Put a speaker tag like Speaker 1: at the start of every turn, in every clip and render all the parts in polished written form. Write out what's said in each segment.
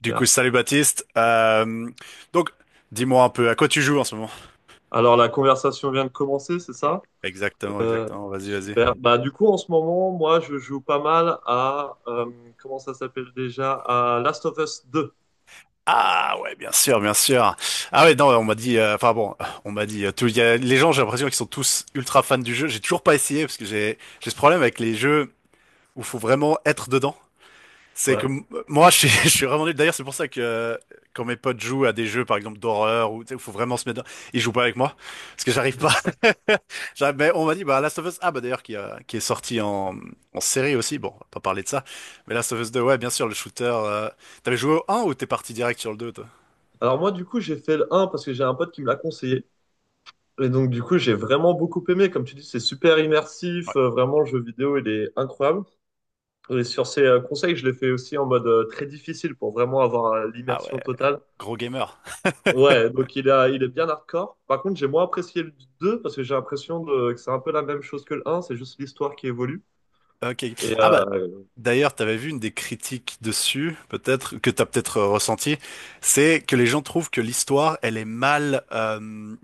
Speaker 1: Du coup, salut Baptiste. Donc, Dis-moi un peu, à quoi tu joues en ce moment?
Speaker 2: Alors, la conversation vient de commencer, c'est ça?
Speaker 1: Exactement,
Speaker 2: Euh,
Speaker 1: exactement. Vas-y, vas-y.
Speaker 2: super. Bah, du coup, en ce moment, moi, je joue pas mal à, comment ça s'appelle déjà? À Last of Us 2.
Speaker 1: Ah ouais, bien sûr, bien sûr. Ah ouais, non, on m'a dit, enfin bon, on m'a dit, tout, il y a, les gens, j'ai l'impression qu'ils sont tous ultra fans du jeu. J'ai toujours pas essayé parce que j'ai ce problème avec les jeux où faut vraiment être dedans. C'est que
Speaker 2: Ouais.
Speaker 1: moi, je suis vraiment nul. D'ailleurs, c'est pour ça que quand mes potes jouent à des jeux, par exemple d'horreur, où tu sais, où faut vraiment se mettre dedans, ils jouent pas avec moi parce que j'arrive pas. Ben, on m'a dit, bah, Last of Us, ah, bah, d'ailleurs, qui est sorti en série aussi. Bon, on va pas parler de ça. Mais Last of Us 2, ouais, bien sûr, le shooter. T'avais joué au 1 ou t'es parti direct sur le 2, toi?
Speaker 2: Alors, moi, du coup, j'ai fait le 1 parce que j'ai un pote qui me l'a conseillé. Et donc, du coup, j'ai vraiment beaucoup aimé. Comme tu dis, c'est super
Speaker 1: Ouais.
Speaker 2: immersif. Vraiment, le jeu vidéo, il est incroyable. Et sur ces conseils, je l'ai fait aussi en mode très difficile pour vraiment avoir
Speaker 1: Ah ouais,
Speaker 2: l'immersion totale.
Speaker 1: gros gamer.
Speaker 2: Ouais, donc il est bien hardcore. Par contre, j'ai moins apprécié le 2 parce que j'ai l'impression que c'est un peu la même chose que le un, c'est juste l'histoire qui évolue.
Speaker 1: Ok.
Speaker 2: Et
Speaker 1: Ah, bah, d'ailleurs, t'avais vu une des critiques dessus, peut-être, que t'as peut-être ressenti. C'est que les gens trouvent que l'histoire, elle est mal.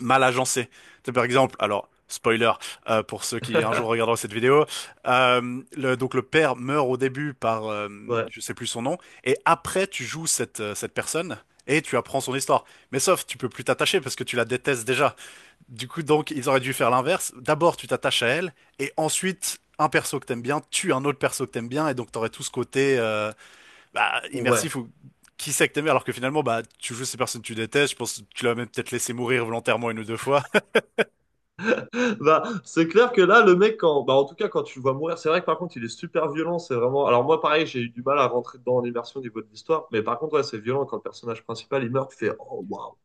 Speaker 1: Mal agencé. C'est par exemple, alors spoiler pour ceux qui un jour regarderont cette vidéo, donc le père meurt au début par
Speaker 2: ouais,
Speaker 1: Je sais plus son nom et après tu joues cette personne. Et tu apprends son histoire. Mais sauf, tu peux plus t'attacher parce que tu la détestes déjà. Du coup, donc, ils auraient dû faire l'inverse. D'abord, tu t'attaches à elle, et ensuite, un perso que t'aimes bien tue un autre perso que t'aimes bien, et donc t'aurais tout ce côté bah,
Speaker 2: ouais.
Speaker 1: immersif où qui sait que t'aimes bien, alors que finalement, bah, tu joues ces personnes que tu détestes. Je pense que tu l'as même peut-être laissé mourir volontairement une ou deux fois.
Speaker 2: Bah, c'est clair que là, le mec, quand, bah, en tout cas, quand tu le vois mourir, c'est vrai que par contre, il est super violent. C'est vraiment. Alors, moi, pareil, j'ai eu du mal à rentrer dedans en immersion au niveau de l'histoire. Mais par contre, ouais, c'est violent quand le personnage principal il meurt, tu fais oh waouh,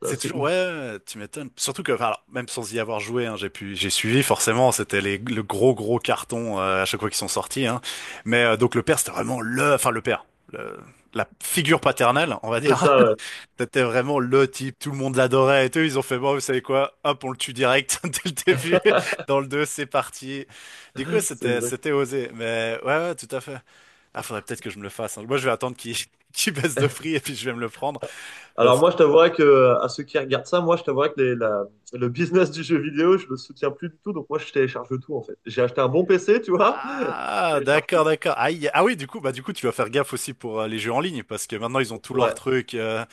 Speaker 2: ça
Speaker 1: C'est
Speaker 2: c'est
Speaker 1: toujours, ouais,
Speaker 2: ouf.
Speaker 1: ouais, ouais, tu m'étonnes. Surtout que, enfin, alors, même sans y avoir joué, hein, j'ai pu, j'ai suivi, forcément, c'était les, le gros, gros carton à chaque fois qu'ils sont sortis. Hein. Mais donc le père, c'était vraiment le, enfin le père, le- la figure paternelle, on va
Speaker 2: C'est
Speaker 1: dire.
Speaker 2: ça, ouais.
Speaker 1: C'était vraiment le type, tout le monde l'adorait et tout. Ils ont fait, bon, vous savez quoi, hop, on le tue direct dès le début. Dans le 2, c'est parti. Du coup, ouais,
Speaker 2: C'est exact.
Speaker 1: c'était osé. Mais ouais, ouais, tout à fait. Ah, faudrait peut-être que je me le fasse. Hein. Moi, je vais attendre qu'il qu'il baisse de prix et puis je vais me le prendre.
Speaker 2: Alors moi, je t'avouerais que à ceux qui regardent ça, moi, je t'avouerais que le business du jeu vidéo, je le soutiens plus du tout. Donc moi, je télécharge tout en fait. J'ai acheté un bon PC, tu vois. Je
Speaker 1: Ah,
Speaker 2: télécharge tout.
Speaker 1: d'accord, d'accord. Aïe. Ah oui, du coup, bah du coup, tu vas faire gaffe aussi pour les jeux en ligne parce que maintenant ils ont tous leurs
Speaker 2: Ouais.
Speaker 1: trucs.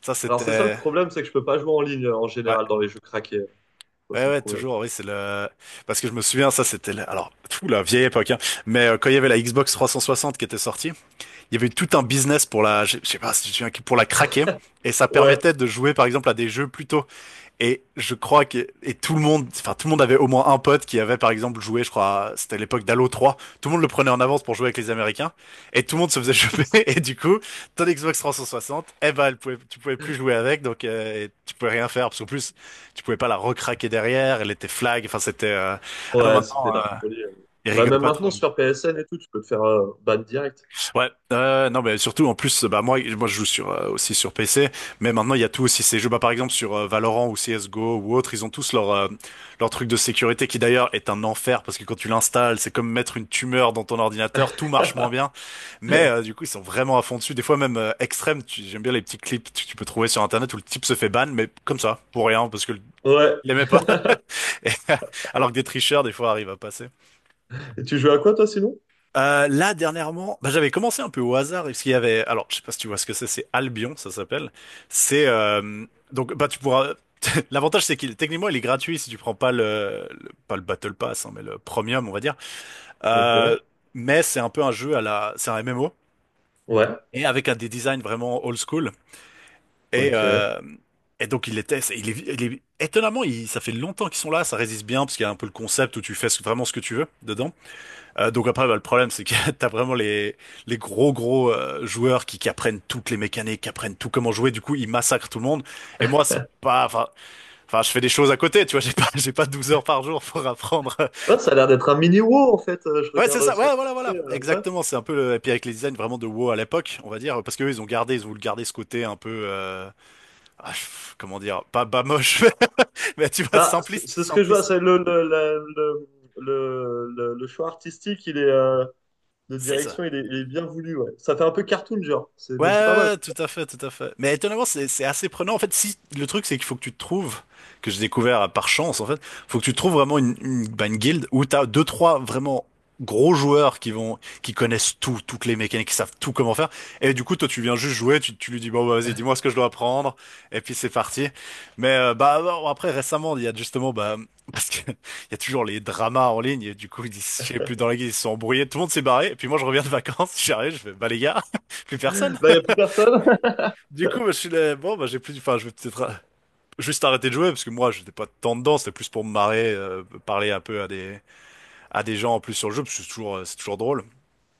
Speaker 1: Ça,
Speaker 2: Alors c'est ça le
Speaker 1: c'était.
Speaker 2: problème, c'est que je peux pas jouer en ligne en
Speaker 1: Ouais,
Speaker 2: général dans les jeux craqués. Ça
Speaker 1: ouais,
Speaker 2: c'est le
Speaker 1: ouais,
Speaker 2: problème.
Speaker 1: toujours. Oui, c'est le. Parce que je me souviens, ça, c'était. Alors, tout la vieille époque. Hein. Mais quand il y avait la Xbox 360 qui était sortie, il y avait eu tout un business pour la. Je sais pas si tu te souviens, pour la craquer. Et ça
Speaker 2: Ouais.
Speaker 1: permettait de jouer, par exemple, à des jeux plutôt. Et je crois que et tout le monde, enfin tout le monde avait au moins un pote qui avait par exemple joué, je crois, c'était à l'époque d'Halo 3. Tout le monde le prenait en avance pour jouer avec les Américains et tout le monde se faisait choper. Et du coup, ton Xbox 360, eh ben, elle pouvait, tu pouvais plus jouer avec, donc et tu pouvais rien faire parce qu'en plus, tu pouvais pas la recraquer derrière. Elle était flag. Enfin, c'était. Ah non,
Speaker 2: Ouais, c'était
Speaker 1: maintenant,
Speaker 2: la folie.
Speaker 1: ils
Speaker 2: Bah
Speaker 1: rigolent
Speaker 2: même
Speaker 1: pas trop.
Speaker 2: maintenant sur PSN et tout, tu peux te faire ban direct.
Speaker 1: Ouais, non mais surtout en plus bah moi je joue sur aussi sur PC mais maintenant il y a tout aussi ces jeux bah par exemple sur Valorant ou CS:GO ou autre ils ont tous leur leur truc de sécurité qui d'ailleurs est un enfer parce que quand tu l'installes c'est comme mettre une tumeur dans ton ordinateur tout marche moins bien mais du coup ils sont vraiment à fond dessus des fois même extrême j'aime bien les petits clips que tu peux trouver sur internet où le type se fait ban mais comme ça pour rien parce que
Speaker 2: Ouais.
Speaker 1: il aimait pas. Et, alors que des tricheurs des fois arrivent à passer.
Speaker 2: Et tu joues à quoi toi sinon?
Speaker 1: Là, dernièrement, bah, j'avais commencé un peu au hasard, parce qu'il y avait, alors, je sais pas si tu vois ce que c'est Albion, ça s'appelle. C'est, donc, bah, tu pourras, l'avantage, c'est qu'il, techniquement, il est gratuit si tu prends pas le, pas le Battle Pass, hein, mais le Premium, on va dire.
Speaker 2: Ok.
Speaker 1: Euh, mais c'est un peu un jeu à la, c'est un MMO,
Speaker 2: Ouais.
Speaker 1: et avec un des designs vraiment old school. Et,
Speaker 2: Ok. Ouais,
Speaker 1: euh, et donc, il était, il est, étonnamment, ça fait longtemps qu'ils sont là, ça résiste bien, parce qu'il y a un peu le concept où tu fais vraiment ce que tu veux dedans. Donc après, bah, le problème, c'est que t'as vraiment les gros gros joueurs qui apprennent toutes les mécaniques, qui apprennent tout comment jouer. Du coup, ils massacrent tout le monde. Et moi, c'est pas, enfin, enfin, je fais des choses à côté, tu vois. J'ai pas, j'ai pas 12 heures par jour pour apprendre.
Speaker 2: ça a l'air d'être un mini WoW en fait. Je
Speaker 1: Ouais, c'est
Speaker 2: regarde
Speaker 1: ça.
Speaker 2: aussi.
Speaker 1: Ouais, voilà, voilà.
Speaker 2: Ouais.
Speaker 1: Exactement. C'est un peu le, et puis avec les designs vraiment de WoW à l'époque, on va dire, parce que eux, ils ont gardé, ils ont voulu garder ce côté un peu, ah, comment dire, pas moche, mais tu vois,
Speaker 2: Bah, c'est
Speaker 1: simpliste,
Speaker 2: c'est ce que je vois,
Speaker 1: simpliste.
Speaker 2: c'est le choix artistique, il est de
Speaker 1: C'est ça.
Speaker 2: direction, il est bien voulu, ouais. Ça fait un peu cartoon, genre, c'est,
Speaker 1: Ouais,
Speaker 2: mais c'est pas mal.
Speaker 1: ouais, ouais, tout à fait, tout à fait. Mais étonnamment, c'est assez prenant. En fait, si le truc, c'est qu'il faut que tu te trouves, que j'ai découvert par chance, en fait, faut que tu trouves vraiment bah, une guilde où t'as deux, trois vraiment gros joueurs qui vont, qui connaissent tout, toutes les mécaniques, qui savent tout comment faire. Et du coup, toi, tu viens juste jouer, tu lui dis, bon, bah, vas-y, dis-moi ce que je dois apprendre. Et puis, c'est parti. Mais, bah, bon, après, récemment, il y a justement, bah, parce que il y a toujours les dramas en ligne, et du coup, disent, je sais plus, dans la guilde, ils se sont embrouillés, tout le monde s'est barré. Et puis, moi, je reviens de vacances, j'arrive, je fais, bah, les gars, plus personne.
Speaker 2: Là, il n'y a plus personne.
Speaker 1: Du coup, bah, je suis là, bon, bah, j'ai plus, enfin, je vais peut-être juste arrêter de jouer parce que moi, j'étais pas tant dedans, c'était plus pour me marrer, parler un peu à des gens en plus sur le jeu, parce que c'est toujours drôle.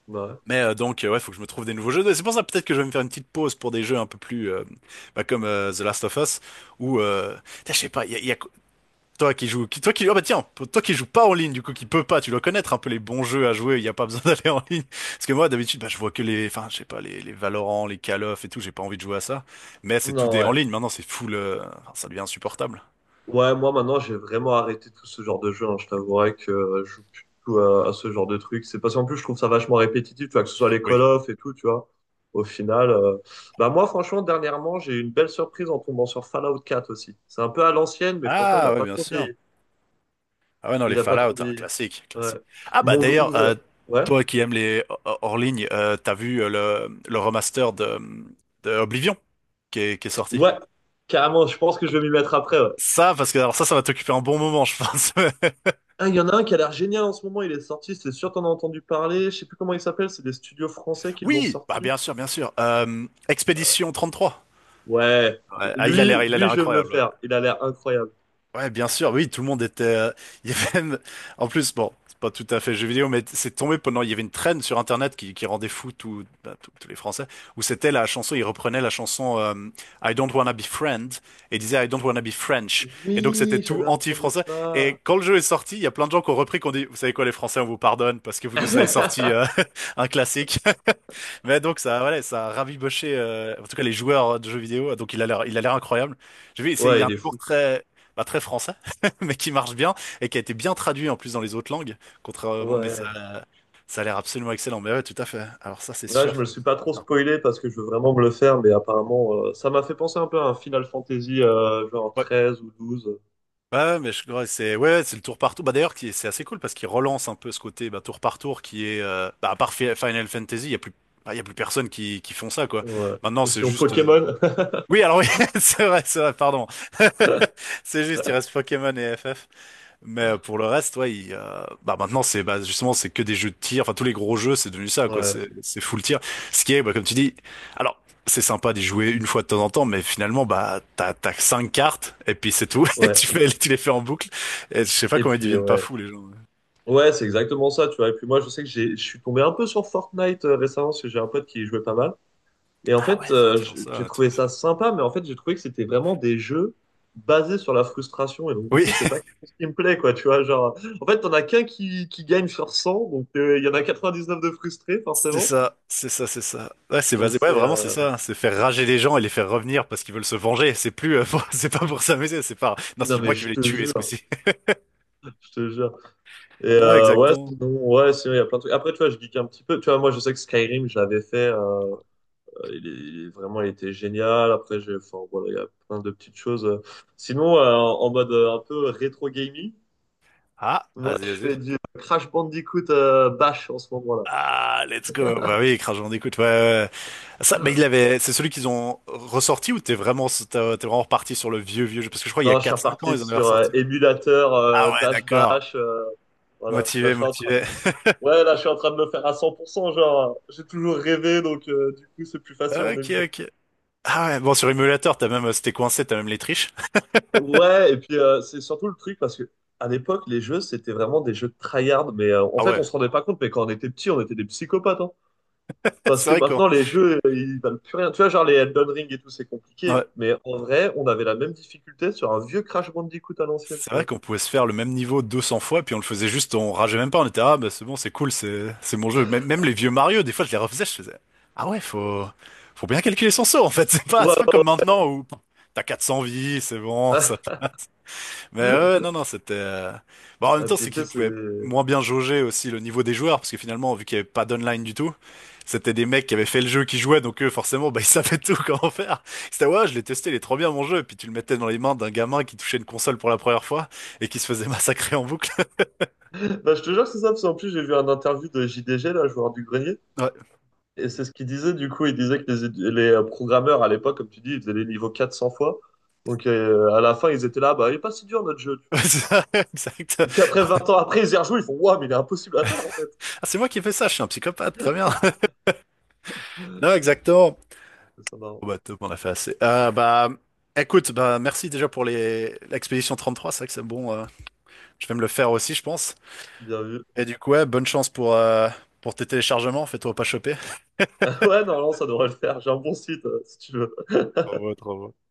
Speaker 2: Ouais.
Speaker 1: Mais donc, ouais, faut que je me trouve des nouveaux jeux. Et c'est pour ça peut-être que je vais me faire une petite pause pour des jeux un peu plus, bah, comme The Last of Us, ou, putain, je sais pas, il y a, toi qui joue, qui, toi qui, ah bah tiens, pour toi qui joue pas en ligne, du coup qui peut pas, tu dois connaître un peu les bons jeux à jouer. Il y a pas besoin d'aller en ligne. Parce que moi d'habitude, bah je vois que les, enfin je sais pas les, les Valorant, les Call of et tout. J'ai pas envie de jouer à ça. Mais c'est tout
Speaker 2: Non,
Speaker 1: des en
Speaker 2: ouais.
Speaker 1: ligne. Maintenant c'est full, enfin, ça devient insupportable.
Speaker 2: Ouais, moi maintenant j'ai vraiment arrêté tout ce genre de jeu. Hein. Je t'avouerai que je joue plus du tout à ce genre de truc. C'est parce qu'en plus je trouve ça vachement répétitif, tu vois, que ce soit les
Speaker 1: Oui.
Speaker 2: Call of et tout, tu vois. Au final, bah moi franchement dernièrement j'ai eu une belle surprise en tombant sur Fallout 4 aussi. C'est un peu à l'ancienne, mais franchement il a
Speaker 1: Ah ouais
Speaker 2: pas
Speaker 1: bien
Speaker 2: trop
Speaker 1: sûr.
Speaker 2: vieilli.
Speaker 1: Ah ouais non les
Speaker 2: Il a pas
Speaker 1: Fallout, hein,
Speaker 2: trouvé.
Speaker 1: classique,
Speaker 2: Ouais.
Speaker 1: classique. Ah bah
Speaker 2: Monde
Speaker 1: d'ailleurs,
Speaker 2: ouvert. Ouais.
Speaker 1: toi qui aimes les hors hors ligne, t'as vu le remaster de Oblivion qui est sorti.
Speaker 2: Ouais. Carrément, je pense que je vais m'y mettre après. Ouais.
Speaker 1: Ça parce que alors ça ça va t'occuper un bon moment je pense.
Speaker 2: Ah, il y en a un qui a l'air génial en ce moment. Il est sorti, c'est sûr, t'en as entendu parler. Je sais plus comment il s'appelle. C'est des studios français qui l'ont
Speaker 1: Oui, bah
Speaker 2: sorti.
Speaker 1: bien sûr, bien sûr. Expédition 33.
Speaker 2: Ouais.
Speaker 1: Ouais, ah,
Speaker 2: Lui,
Speaker 1: il a l'air
Speaker 2: lui, je vais me le
Speaker 1: incroyable. Ouais.
Speaker 2: faire. Il a l'air incroyable.
Speaker 1: Ouais, bien sûr, oui, tout le monde était. Il y avait même... En plus, bon, c'est pas tout à fait jeu vidéo, mais c'est tombé pendant. Il y avait une traîne sur Internet qui rendait fou tout, bah, tous les Français, où c'était la chanson. Ils reprenaient la chanson I don't wanna be friend et disaient I don't wanna be French. Et donc c'était
Speaker 2: Oui,
Speaker 1: tout
Speaker 2: j'avais entendu
Speaker 1: anti-français.
Speaker 2: ça.
Speaker 1: Et quand le jeu est sorti, il y a plein de gens qui ont repris, qui ont dit, vous savez quoi, les Français, on vous pardonne parce que vous nous avez sorti un classique. Mais donc ça, voilà, ça a raviboché, en tout cas les joueurs de jeux vidéo. Donc il a l'air incroyable. J'ai vu, il y
Speaker 2: Ouais,
Speaker 1: a un
Speaker 2: il est
Speaker 1: humour
Speaker 2: fou.
Speaker 1: très, pas très français, mais qui marche bien et qui a été bien traduit en plus dans les autres langues. Contrairement, mais ça,
Speaker 2: Ouais.
Speaker 1: ça a l'air absolument excellent. Mais ouais, tout à fait. Alors ça, c'est
Speaker 2: Là, je
Speaker 1: sûr.
Speaker 2: me le suis pas trop
Speaker 1: Non.
Speaker 2: spoilé parce que je veux vraiment me le faire, mais apparemment, ça m'a fait penser un peu à un Final Fantasy, genre
Speaker 1: Ouais.
Speaker 2: 13 ou 12.
Speaker 1: Ouais, mais je crois que c'est ouais, c'est le tour par tour. Bah d'ailleurs, c'est assez cool parce qu'il relance un peu ce côté bah, tour par tour qui est bah, à part Final Fantasy, il y a plus bah, il y a plus personne qui font ça quoi.
Speaker 2: Ouais.
Speaker 1: Maintenant,
Speaker 2: Ou
Speaker 1: c'est
Speaker 2: sinon
Speaker 1: juste
Speaker 2: Pokémon.
Speaker 1: Oui, alors oui, c'est vrai, pardon. C'est juste, il reste Pokémon et FF. Mais pour le reste, ouais, il, bah maintenant c'est bah justement c'est que des jeux de tir. Enfin tous les gros jeux c'est devenu ça quoi.
Speaker 2: Ouais,
Speaker 1: C'est full tir. Ce qui est bah comme tu dis, alors c'est sympa d'y jouer une fois de temps en temps, mais finalement bah t'as que cinq cartes et puis c'est tout. Et
Speaker 2: ouais.
Speaker 1: tu les fais en boucle. Et je sais pas
Speaker 2: Et
Speaker 1: comment ils
Speaker 2: puis,
Speaker 1: deviennent pas
Speaker 2: ouais.
Speaker 1: fous les gens.
Speaker 2: Ouais, c'est exactement ça, tu vois. Et puis moi, je sais que je suis tombé un peu sur Fortnite récemment parce que j'ai un pote qui y jouait pas mal. Et en
Speaker 1: Ah ouais,
Speaker 2: fait,
Speaker 1: il y a toujours
Speaker 2: j'ai
Speaker 1: ça. Tout
Speaker 2: trouvé
Speaker 1: à fait.
Speaker 2: ça sympa, mais en fait, j'ai trouvé que c'était vraiment des jeux basés sur la frustration. Et donc, du
Speaker 1: Oui,
Speaker 2: coup, c'est pas quelque chose qui me plaît, quoi, tu vois. Genre, en fait, t'en as qu'un qui gagne sur 100, donc il y en a 99 de frustrés,
Speaker 1: c'est
Speaker 2: forcément.
Speaker 1: ça, c'est ça, c'est ça. Ouais, c'est
Speaker 2: Donc,
Speaker 1: basé. Ouais, vraiment c'est ça, hein. C'est faire rager les gens et les faire revenir parce qu'ils veulent se venger. C'est plus c'est pas pour s'amuser. C'est pas. Non,
Speaker 2: non,
Speaker 1: c'est
Speaker 2: mais
Speaker 1: moi qui
Speaker 2: je
Speaker 1: vais les
Speaker 2: te
Speaker 1: tuer ce
Speaker 2: jure,
Speaker 1: coup-ci.
Speaker 2: je te jure. Et
Speaker 1: Non,
Speaker 2: ouais,
Speaker 1: exactement.
Speaker 2: sinon, il y a plein de trucs. Après, tu vois, je geek un petit peu. Tu vois, moi, je sais que Skyrim, je l'avais fait. Vraiment, il était génial. Après, enfin, voilà, il y a plein de petites choses. Sinon, en mode un peu rétro gaming,
Speaker 1: Ah,
Speaker 2: moi,
Speaker 1: vas-y,
Speaker 2: je
Speaker 1: vas-y.
Speaker 2: fais du Crash Bandicoot Bash en ce moment-là.
Speaker 1: Ah, let's go. Bah oui, Crash Bandicoot, ouais, ouais, ouais. Ça, mais il l'avait, c'est celui qu'ils ont ressorti ou t'es vraiment, t'es vraiment reparti sur le vieux, vieux jeu? Parce que je crois il y a
Speaker 2: Non, je suis
Speaker 1: quatre, cinq ans,
Speaker 2: reparti
Speaker 1: ils en avaient
Speaker 2: sur
Speaker 1: ressorti.
Speaker 2: émulateur
Speaker 1: Ah ouais,
Speaker 2: Dash
Speaker 1: d'accord.
Speaker 2: Bash. Voilà, là,
Speaker 1: Motivé,
Speaker 2: je suis en train.
Speaker 1: motivé.
Speaker 2: Ouais, là, je suis en train de me faire à 100%. Genre, j'ai toujours rêvé, donc du coup, c'est plus facile en
Speaker 1: Ok,
Speaker 2: émulateur.
Speaker 1: ok. Ah ouais, bon, sur émulateur, t'as même, c'était coincé, t'as même les triches.
Speaker 2: Ouais, et puis c'est surtout le truc parce que à l'époque, les jeux, c'était vraiment des jeux de tryhard. Mais en
Speaker 1: Ah
Speaker 2: fait,
Speaker 1: ouais,
Speaker 2: on se rendait pas compte, mais quand on était petit, on était des psychopathes. Hein. Parce
Speaker 1: c'est
Speaker 2: que
Speaker 1: vrai quoi.
Speaker 2: maintenant, les jeux, ils valent plus rien. Tu vois, genre les Elden Ring et tout, c'est compliqué. Mais en vrai, on avait la même difficulté sur un vieux Crash Bandicoot à l'ancienne,
Speaker 1: C'est
Speaker 2: tu
Speaker 1: vrai qu'on pouvait se faire le même niveau 200 fois, puis on le faisait juste, on rageait même pas, on était, ah bah c'est bon, c'est cool, c'est mon jeu. Même, même les vieux Mario, des fois je les refaisais, je faisais, ah ouais, faut, faut bien calculer son saut en fait,
Speaker 2: vois.
Speaker 1: c'est pas comme maintenant où t'as 400 vies, c'est bon, ça. Mais ouais,
Speaker 2: Ouais.
Speaker 1: ouais, non, non, c'était. Bon, en même
Speaker 2: Et
Speaker 1: temps,
Speaker 2: puis,
Speaker 1: c'est
Speaker 2: tu sais,
Speaker 1: qu'ils
Speaker 2: c'est.
Speaker 1: pouvaient moins bien jauger aussi le niveau des joueurs, parce que finalement, vu qu'il n'y avait pas d'online du tout, c'était des mecs qui avaient fait le jeu, qui jouaient, donc eux, forcément, bah, ils savaient tout comment faire. C'était, ouais, je l'ai testé, il est trop bien mon jeu, puis tu le mettais dans les mains d'un gamin qui touchait une console pour la première fois et qui se faisait massacrer en boucle.
Speaker 2: Bah, je te jure, c'est ça, parce qu'en plus, j'ai vu un interview de JDG, là, joueur du grenier.
Speaker 1: Ouais,
Speaker 2: Et c'est ce qu'il disait, du coup, il disait que les programmeurs à l'époque, comme tu dis, ils faisaient les niveaux 400 fois. Donc à la fin, ils étaient là, bah, il est pas si dur notre jeu, tu vois.
Speaker 1: c'est ça, exact.
Speaker 2: Et puis après
Speaker 1: Ah,
Speaker 2: 20 ans après, ils y rejouent, ils font, waouh, mais il est impossible à faire en fait.
Speaker 1: c'est moi qui ai fait ça, je suis un psychopathe, très bien. Non, exactement.
Speaker 2: C'est ça marrant.
Speaker 1: Bon, bah, top, on a fait assez. Bah, écoute, bah, merci déjà pour les, l'expédition 33, c'est vrai que c'est bon, je vais me le faire aussi, je pense.
Speaker 2: Bien vu.
Speaker 1: Et du coup, ouais, bonne chance pour tes téléchargements, fais-toi pas choper.
Speaker 2: Ouais, non, non, ça devrait le faire. J'ai un bon site, si tu veux.
Speaker 1: Bravo, bravo.